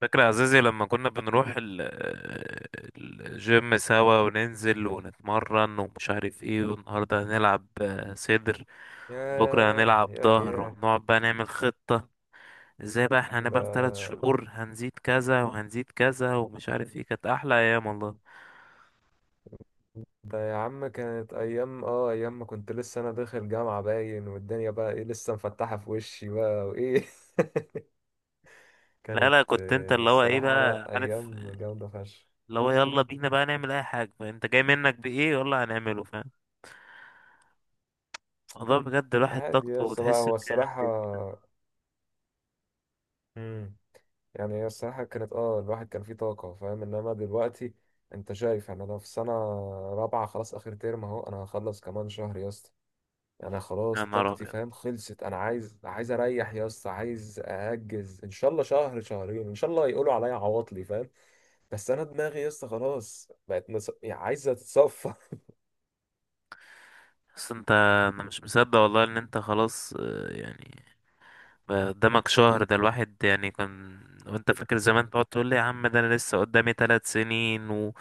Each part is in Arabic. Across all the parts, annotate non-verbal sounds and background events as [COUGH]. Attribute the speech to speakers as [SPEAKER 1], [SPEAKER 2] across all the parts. [SPEAKER 1] فاكر يا عزيزي لما كنا بنروح الجيم سوا وننزل ونتمرن ومش عارف ايه، والنهارده هنلعب صدر. بكرة
[SPEAKER 2] ياه
[SPEAKER 1] هنلعب
[SPEAKER 2] ياه
[SPEAKER 1] ظهر،
[SPEAKER 2] ياه.
[SPEAKER 1] ونقعد بقى نعمل خطة ازاي بقى احنا هنبقى في تلات
[SPEAKER 2] ده
[SPEAKER 1] شهور. هنزيد كذا وهنزيد كذا ومش عارف ايه، كانت أحلى أيام والله.
[SPEAKER 2] ده يا عم، كانت أيام أيام ما كنت لسه أنا داخل جامعة، باين والدنيا بقى إيه لسه مفتحة في وشي بقى وإيه. [LAUGHS]
[SPEAKER 1] لا
[SPEAKER 2] كانت
[SPEAKER 1] لا، كنت انت اللي هو ايه
[SPEAKER 2] الصراحة
[SPEAKER 1] بقى
[SPEAKER 2] لأ
[SPEAKER 1] عارف،
[SPEAKER 2] أيام جامدة فشخ.
[SPEAKER 1] اللي هو يلا بينا بقى نعمل أي حاجة انت جاي منك بإيه يلا هنعمله، فاهم الموضوع بجد، الواحد
[SPEAKER 2] عادي
[SPEAKER 1] طاقته
[SPEAKER 2] يا اسطى بقى،
[SPEAKER 1] وتحس
[SPEAKER 2] هو
[SPEAKER 1] ان
[SPEAKER 2] الصراحة.
[SPEAKER 1] هي.
[SPEAKER 2] مم. يعني هي الصراحة كانت الواحد كان فيه طاقة فاهم، انما دلوقتي انت شايف. يعني انا في سنة رابعة، خلاص اخر ترم اهو، انا هخلص كمان شهر يا اسطى. انا
[SPEAKER 1] يا
[SPEAKER 2] خلاص
[SPEAKER 1] نهار
[SPEAKER 2] طاقتي
[SPEAKER 1] أبيض.
[SPEAKER 2] فاهم خلصت، انا عايز اريح يا اسطى، عايز اهجز ان شاء الله شهر شهرين، ان شاء الله يقولوا عليا عواطلي فاهم. بس انا دماغي يا اسطى خلاص بقت يعني عايزه تتصفى. [LAUGHS]
[SPEAKER 1] بس انت، انا مش مصدق والله ان انت خلاص يعني بقى قدامك شهر، ده الواحد يعني كان. وانت فاكر زمان تقعد تقول لي يا عم ده انا لسه قدامي ثلاث سنين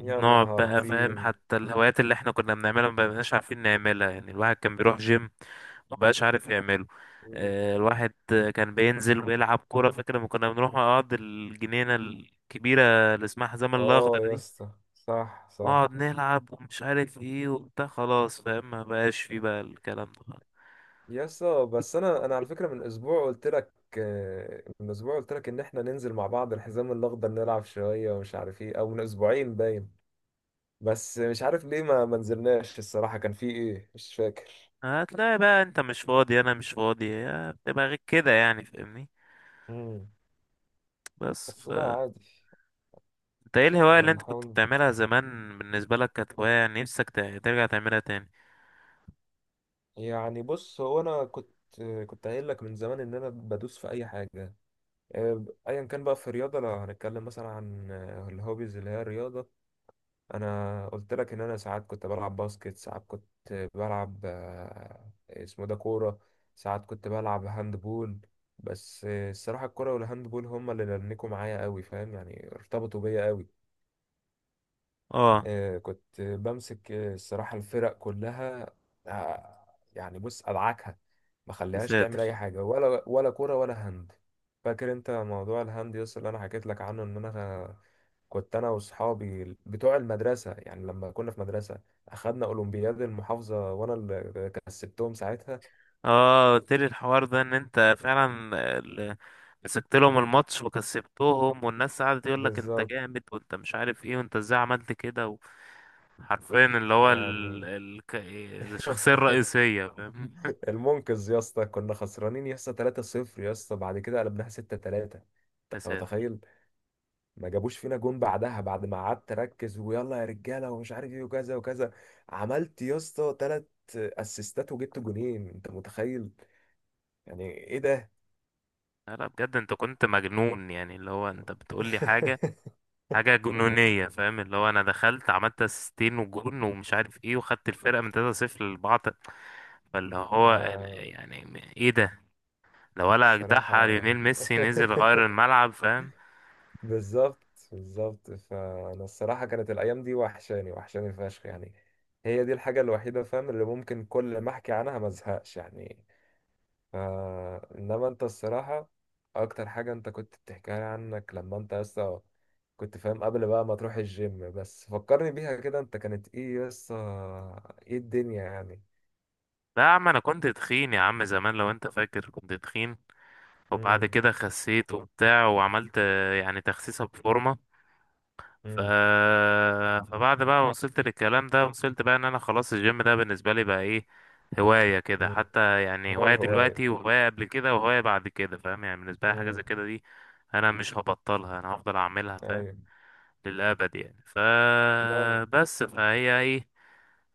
[SPEAKER 2] يا نهار
[SPEAKER 1] بقى فاهم،
[SPEAKER 2] طين.
[SPEAKER 1] حتى الهوايات اللي احنا كنا بنعملها ما بقيناش عارفين نعملها. يعني الواحد كان بيروح جيم ما بقاش عارف يعمله.
[SPEAKER 2] مم.
[SPEAKER 1] الواحد كان بينزل ويلعب كورة. فاكر لما كنا بنروح نقعد الجنينة الكبيرة اللي اسمها حزام الأخضر
[SPEAKER 2] اه يا
[SPEAKER 1] دي،
[SPEAKER 2] اسطى، صح
[SPEAKER 1] نقعد
[SPEAKER 2] صح.
[SPEAKER 1] نلعب ومش عارف ايه وبتاع، خلاص فاهم ما بقاش فيه بقى الكلام ده.
[SPEAKER 2] يا اسطى بس انا على فكره من اسبوع قلت لك، من اسبوع قلت لك ان احنا ننزل مع بعض الحزام الاخضر نلعب شويه ومش عارف ايه، او من اسبوعين باين. بس مش عارف ليه ما نزلناش، الصراحه كان في ايه مش فاكر.
[SPEAKER 1] هتلاقي بقى انت مش فاضي انا مش فاضي، هي بتبقى غير كده يعني فاهمني.
[SPEAKER 2] مم.
[SPEAKER 1] بس
[SPEAKER 2] بس
[SPEAKER 1] ف
[SPEAKER 2] لا عادي.
[SPEAKER 1] انت ايه الهواية اللي انت كنت
[SPEAKER 2] هنحاول.
[SPEAKER 1] بتعملها زمان؟ بالنسبة لك كانت هواية يعني نفسك ترجع تعملها تاني؟
[SPEAKER 2] يعني بص، هو انا كنت قايل لك من زمان ان انا بدوس في اي حاجه، ايا كان بقى في الرياضه. لو هنتكلم مثلا عن الهوبيز اللي هي الرياضه، انا قلت لك ان انا ساعات كنت بلعب باسكت، ساعات كنت بلعب اسمه ده كوره، ساعات كنت بلعب هاند بول. بس الصراحه الكوره والهاند بول هما اللي ننكوا معايا قوي فاهم، يعني ارتبطوا بيا قوي.
[SPEAKER 1] اه.
[SPEAKER 2] كنت بمسك الصراحة الفرق كلها. آه، يعني بص أدعكها، ما خليهاش تعمل
[SPEAKER 1] تساتر.
[SPEAKER 2] أي حاجة ولا كورة ولا هاند. فاكر أنت موضوع الهاند يس اللي أنا حكيت لك عنه إن أنا كنت أنا وأصحابي بتوع المدرسة، يعني لما كنا في مدرسة أخدنا أولمبياد المحافظة وأنا اللي كسبتهم ساعتها.
[SPEAKER 1] اه قلت لي الحوار ده ان انت فعلا ال- مسكت لهم الماتش وكسبتهم، والناس قعدت يقول لك انت
[SPEAKER 2] بالظبط،
[SPEAKER 1] جامد وانت مش عارف ايه وانت ازاي عملت كده. حرفيا اللي هو
[SPEAKER 2] يعني
[SPEAKER 1] الشخصية
[SPEAKER 2] [LAUGHS]
[SPEAKER 1] الرئيسية فاهم.
[SPEAKER 2] المنقذ يا اسطى، كنا خسرانين يا اسطى 3-0 يا اسطى، بعد كده قلبناها 6-3.
[SPEAKER 1] [LAUGHS] يا
[SPEAKER 2] أنت
[SPEAKER 1] ساتر.
[SPEAKER 2] متخيل، ما جابوش فينا جون بعدها. بعد ما قعدت اركز، ويلا يا رجاله ومش عارف ايه وكذا وكذا، عملت يا اسطى ثلاث اسيستات وجبت جونين. انت متخيل، يعني ايه ده.
[SPEAKER 1] لا لا بجد، انت كنت مجنون، يعني اللي هو انت بتقول لي حاجه،
[SPEAKER 2] [LAUGHS]
[SPEAKER 1] حاجه جنونيه فاهم. اللي هو انا دخلت عملت اسيستين وجون ومش عارف ايه، وخدت الفرقه من 3-0 للبعض. فاللي هو
[SPEAKER 2] آه،
[SPEAKER 1] يعني ايه ده؟ لو ولا اجدعها
[SPEAKER 2] الصراحه.
[SPEAKER 1] ليونيل ميسي نزل غير
[SPEAKER 2] [LAUGHS]
[SPEAKER 1] الملعب فاهم.
[SPEAKER 2] بالظبط بالظبط، فانا الصراحه كانت الايام دي وحشاني وحشاني فشخ يعني. هي دي الحاجه الوحيده فاهم اللي ممكن كل ما احكي عنها ما ازهقش يعني. انما انت الصراحة اكتر حاجة انت كنت بتحكي لي عنك لما انت لسه كنت فاهم، قبل بقى ما تروح الجيم. بس فكرني بيها كده، انت كانت ايه لسه، ايه الدنيا يعني؟
[SPEAKER 1] لا يا عم، انا كنت تخين يا عم زمان، لو انت فاكر كنت تخين وبعد
[SPEAKER 2] امم.
[SPEAKER 1] كده خسيت وبتاع، وعملت يعني تخسيسه بفورمه. ف...
[SPEAKER 2] امم.
[SPEAKER 1] فبعد بقى ما وصلت للكلام ده، وصلت بقى ان انا خلاص الجيم ده بالنسبة لي بقى ايه، هواية كده
[SPEAKER 2] امم.
[SPEAKER 1] حتى. يعني
[SPEAKER 2] هو
[SPEAKER 1] هواية
[SPEAKER 2] الهواية.
[SPEAKER 1] دلوقتي وهواية قبل كده وهواية بعد كده فاهم، يعني بالنسبة لي حاجة زي
[SPEAKER 2] امم.
[SPEAKER 1] كده دي، انا مش هبطلها، انا هفضل اعملها فاهم،
[SPEAKER 2] ايوه.
[SPEAKER 1] للأبد يعني. ف
[SPEAKER 2] لا،
[SPEAKER 1] بس فهي ايه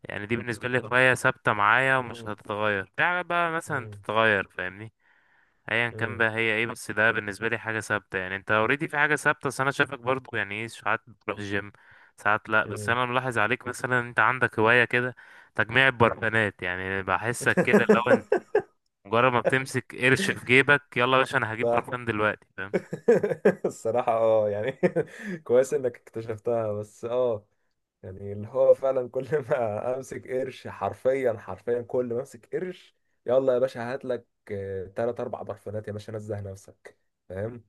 [SPEAKER 1] يعني، دي بالنسبة لي هواية ثابتة معايا ومش
[SPEAKER 2] امم.
[SPEAKER 1] هتتغير في حاجة بقى مثلا
[SPEAKER 2] امم.
[SPEAKER 1] تتغير فاهمني. ايا كان
[SPEAKER 2] امم.
[SPEAKER 1] بقى هي ايه، بس ده بالنسبه لي حاجه ثابته. يعني انت اوريدي في حاجه ثابته، بس انا شايفك برضو يعني ايه، ساعات بتروح الجيم ساعات لا. بس
[SPEAKER 2] امم.
[SPEAKER 1] انا ملاحظ عليك مثلا انت عندك هوايه كده، تجميع البرفانات. يعني بحسك كده لو انت
[SPEAKER 2] [LAUGHS]
[SPEAKER 1] مجرد ما بتمسك قرش في جيبك، يلا يا باشا انا هجيب
[SPEAKER 2] صح.
[SPEAKER 1] برفان دلوقتي فاهم،
[SPEAKER 2] [LAUGHS] الصراحة اه يعني. [LAUGHS] كويس انك اكتشفتها. بس يعني اللي هو فعلا كل ما [LAUGHS] امسك قرش، حرفيا حرفيا كل ما امسك قرش، يلا يا باشا هات لك تلات اربع برفانات يا باشا، نزه نفسك فاهم.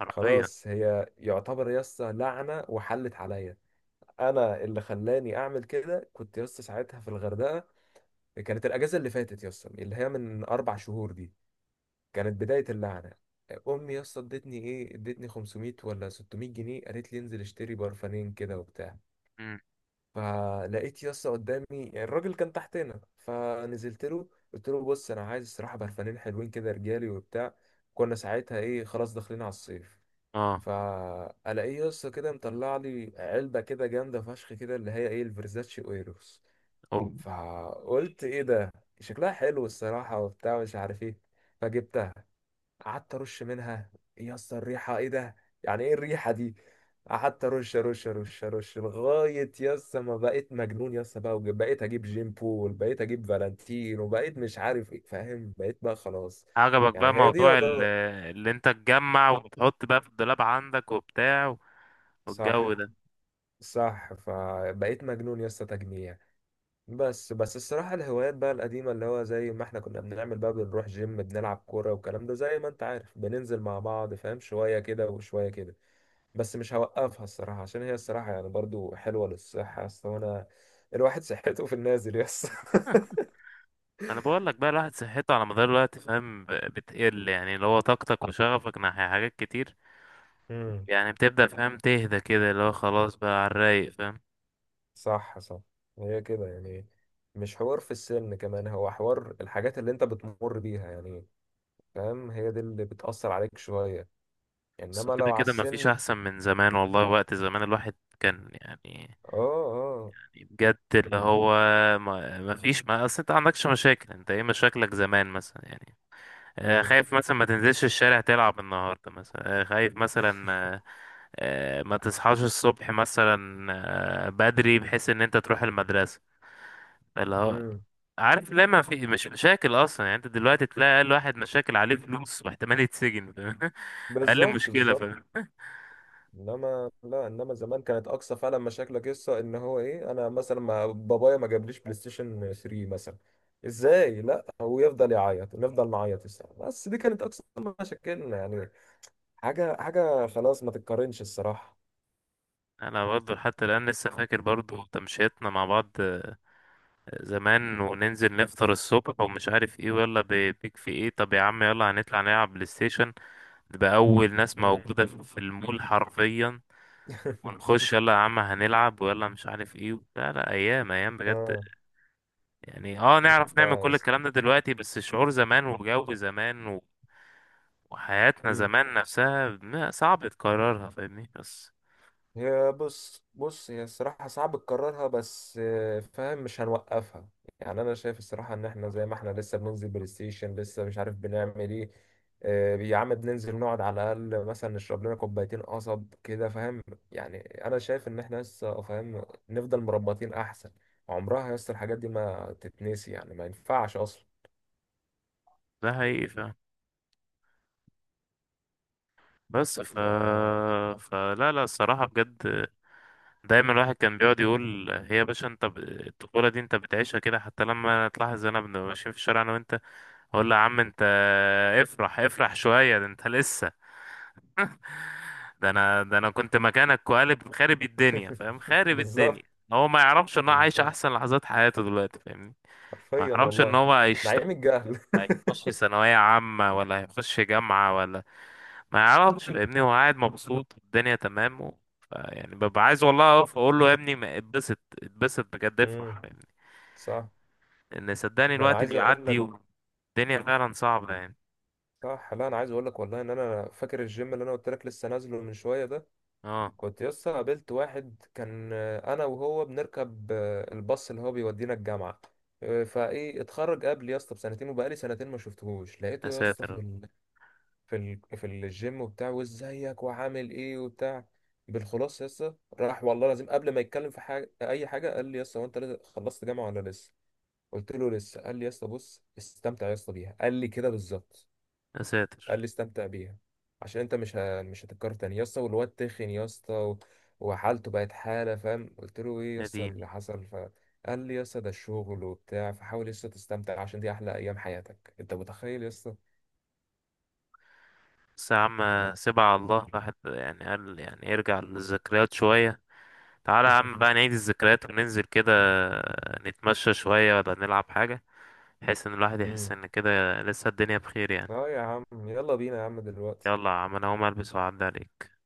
[SPEAKER 1] حرفيا.
[SPEAKER 2] خلاص هي يعتبر يسطا لعنه وحلت عليا، انا اللي خلاني اعمل كده، كنت يسطا ساعتها في الغردقه، كانت الاجازه اللي فاتت يسطا اللي هي من اربع شهور دي، كانت بدايه اللعنه. امي يسطا ادتني ايه، ادتني 500 ولا 600 جنيه، قالت لي انزل اشتري برفانين كده وبتاع.
[SPEAKER 1] مم.
[SPEAKER 2] فلقيت يسطا قدامي، يعني الراجل كان تحتنا فنزلت له، قلت له بص انا عايز الصراحه برفانين حلوين كده رجالي وبتاع، كنا ساعتها ايه خلاص داخلين على الصيف.
[SPEAKER 1] اه.
[SPEAKER 2] فالاقيه يسطا كده مطلع لي علبه كده جامده فشخ كده اللي هي ايه الفيرزاتشي اويروس.
[SPEAKER 1] أوه.
[SPEAKER 2] فقلت ايه ده، شكلها حلو الصراحه وبتاع مش عارف ايه. فجبت، قعدت ارش منها، ايه يا اسطى الريحه، ايه ده، يعني ايه الريحه دي. قعدت ارش ارش ارش ارش لغايه يا اسطى ما بقيت مجنون يا اسطى بقى، وبقيت اجيب جيم بول، بقيت اجيب فالنتين، وبقيت مش عارف ايه فاهم، بقيت بقى خلاص.
[SPEAKER 1] عجبك
[SPEAKER 2] يعني
[SPEAKER 1] بقى
[SPEAKER 2] هي دي
[SPEAKER 1] موضوع
[SPEAKER 2] يعتبر.
[SPEAKER 1] اللي انت تجمع وتحط بقى في الدولاب عندك وبتاع، والجو
[SPEAKER 2] صح
[SPEAKER 1] ده.
[SPEAKER 2] صح، فبقيت مجنون يا اسطى تجميع. بس بس الصراحة الهوايات بقى القديمة، اللي هو زي ما احنا كنا بنعمل بقى، بنروح جيم بنلعب كورة والكلام ده زي ما انت عارف، بننزل مع بعض فاهم شوية كده وشوية كده. بس مش هوقفها الصراحة عشان هي الصراحة يعني برضو حلوة للصحة، أصل وأنا الواحد [LAUGHS] صحته في النازل يس.
[SPEAKER 1] انا بقول لك بقى، الواحد صحته على مدار الوقت فاهم، بتقل. يعني اللي هو طاقتك وشغفك ناحية حاجات كتير،
[SPEAKER 2] [LAUGHS] امم.
[SPEAKER 1] يعني بتبدأ فاهم تهدى كده، اللي هو خلاص بقى على الرايق فاهم.
[SPEAKER 2] صح صح، هي كده يعني. مش حوار في السن كمان، هو حوار الحاجات اللي أنت بتمر بيها يعني فاهم، هي دي اللي بتأثر عليك شوية.
[SPEAKER 1] بس
[SPEAKER 2] إنما لو
[SPEAKER 1] كده
[SPEAKER 2] على
[SPEAKER 1] كده
[SPEAKER 2] السن
[SPEAKER 1] مفيش
[SPEAKER 2] اه.
[SPEAKER 1] احسن من زمان والله. وقت زمان الواحد كان يعني
[SPEAKER 2] اه.
[SPEAKER 1] بجد، اللي هو ما مفيش ما اصل انت عندكش مشاكل. انت ايه مشاكلك زمان مثلا؟ يعني
[SPEAKER 2] امم.
[SPEAKER 1] خايف مثلا ما تنزلش الشارع تلعب النهارده مثلا، خايف مثلا ما ما تصحاش الصبح مثلا بدري بحيث ان انت تروح المدرسة، اللي هو
[SPEAKER 2] امم.
[SPEAKER 1] عارف لما في مش مشاكل اصلا. يعني انت دلوقتي تلاقي اقل واحد مشاكل عليه فلوس واحتمال يتسجن فاهم؟ [LAUGHS] اقل
[SPEAKER 2] بالظبط
[SPEAKER 1] مشكله
[SPEAKER 2] بالظبط،
[SPEAKER 1] فاهم.
[SPEAKER 2] انما لا، انما زمان كانت اقصى فعلا مشاكلك قصه ان هو ايه، انا مثلا ما بابايا ما جابليش بلاي ستيشن 3 مثلا، ازاي؟ لا هو يفضل يعيط نفضل نعيط الساعه، بس دي كانت اقصى مشاكلنا يعني، حاجه حاجه خلاص ما تتقارنش الصراحه.
[SPEAKER 1] انا برضه حتى الان لسه فاكر برضه تمشيتنا مع بعض زمان، وننزل نفطر الصبح ومش عارف ايه، ولا بيك في ايه طب يا عم يلا هنطلع نلعب بلاي ستيشن، نبقى اول ناس
[SPEAKER 2] مم.
[SPEAKER 1] موجوده في المول حرفيا،
[SPEAKER 2] [LAUGHS]
[SPEAKER 1] ونخش يلا يا عم هنلعب ويلا مش عارف ايه. لا لا، ايام ايام بجد
[SPEAKER 2] اه.
[SPEAKER 1] يعني. اه، نعرف نعمل
[SPEAKER 2] لا
[SPEAKER 1] كل الكلام ده دلوقتي، بس شعور زمان وجو زمان وحياتنا زمان نفسها ما صعب تكررها فاهمني. بس
[SPEAKER 2] هي بص بص، هي الصراحة صعب تكررها، بس فاهم مش هنوقفها. يعني أنا شايف الصراحة إن إحنا زي ما إحنا لسه بننزل بلاي ستيشن لسه مش عارف بنعمل إيه. يا عم بننزل نقعد على الأقل مثلا نشرب لنا كوبايتين قصب كده فاهم، يعني أنا شايف إن إحنا لسه فاهم نفضل مربطين أحسن، عمرها يس الحاجات دي ما تتنسي يعني، ما ينفعش أصلا.
[SPEAKER 1] ده حقيقي فاهم. بس ف...
[SPEAKER 2] ف...
[SPEAKER 1] فلا لا الصراحة بجد، دايما الواحد كان بيقعد يقول هي يا باشا انت الطفولة دي انت بتعيشها كده. حتى لما تلاحظ انا بنبقى ماشيين في الشارع انا وانت، اقول له يا عم انت افرح افرح شوية، ده انت لسه، ده انا كنت مكانك وقالب خارب الدنيا فاهم،
[SPEAKER 2] [LAUGHS]
[SPEAKER 1] خارب
[SPEAKER 2] بالظبط
[SPEAKER 1] الدنيا. هو ما يعرفش ان هو عايش
[SPEAKER 2] بالظبط،
[SPEAKER 1] احسن لحظات حياته دلوقتي فاهمني. ما
[SPEAKER 2] حرفيا
[SPEAKER 1] يعرفش ان
[SPEAKER 2] والله،
[SPEAKER 1] هو هيخش
[SPEAKER 2] نعيم الجهل.
[SPEAKER 1] ثانوية عامة ولا هيخش جامعة ولا ما يعرفش فاهمني. هو قاعد مبسوط والدنيا تمام يعني ببقى عايز والله اقف اقول له يا ابني ما اتبسط اتبسط بجد
[SPEAKER 2] [LAUGHS]
[SPEAKER 1] افرح
[SPEAKER 2] مم،
[SPEAKER 1] فاهمني.
[SPEAKER 2] صح.
[SPEAKER 1] لان صدقني
[SPEAKER 2] ده انا
[SPEAKER 1] الوقت
[SPEAKER 2] عايز اقول
[SPEAKER 1] بيعدي
[SPEAKER 2] لك،
[SPEAKER 1] والدنيا فعلا صعبة يعني.
[SPEAKER 2] صح لا انا عايز اقول لك والله ان انا فاكر الجيم اللي انا قلت لك لسه نازله من شويه ده،
[SPEAKER 1] اه.
[SPEAKER 2] كنت لسه قابلت واحد كان انا وهو بنركب الباص اللي هو بيودينا الجامعه، فايه اتخرج قبل يا اسطى بسنتين وبقالي سنتين ما شفتهوش، لقيته
[SPEAKER 1] يا
[SPEAKER 2] يا اسطى
[SPEAKER 1] ساتر
[SPEAKER 2] في الجيم وبتاع، وازيك وعامل ايه وبتاع. بالخلاص يا اسطى، راح والله لازم قبل ما يتكلم في حاجه اي حاجه قال لي يا اسطى هو انت خلصت جامعه ولا لسه، قلت له لسه. قال لي يا اسطى بص استمتع يا اسطى بيها، قال لي كده بالظبط،
[SPEAKER 1] يا ساتر.
[SPEAKER 2] قال لي استمتع بيها عشان انت مش مش هتتكرر تاني يا اسطى. والواد تخن يا اسطى وحالته بقت حاله فاهم، قلت له ايه يا
[SPEAKER 1] يا
[SPEAKER 2] اسطى
[SPEAKER 1] ديني.
[SPEAKER 2] اللي حصل، فقال لي يا اسطى ده الشغل وبتاع، فحاول يا اسطى تستمتع عشان دي احلى ايام حياتك، انت متخيل يا اسطى.
[SPEAKER 1] بس يا عم سيبها على الله، الواحد يعني قال يعني يرجع للذكريات شوية. تعالى يا عم بقى
[SPEAKER 2] [LAUGHS]
[SPEAKER 1] نعيد الذكريات وننزل كده نتمشى شوية ولا نلعب حاجة، بحيث ان الواحد يحس
[SPEAKER 2] مم.
[SPEAKER 1] ان كده لسه الدنيا بخير يعني.
[SPEAKER 2] اه يا عم يلا بينا يا عم دلوقتي.
[SPEAKER 1] يلا يا عم انا هقوم البس وأعدي عليك.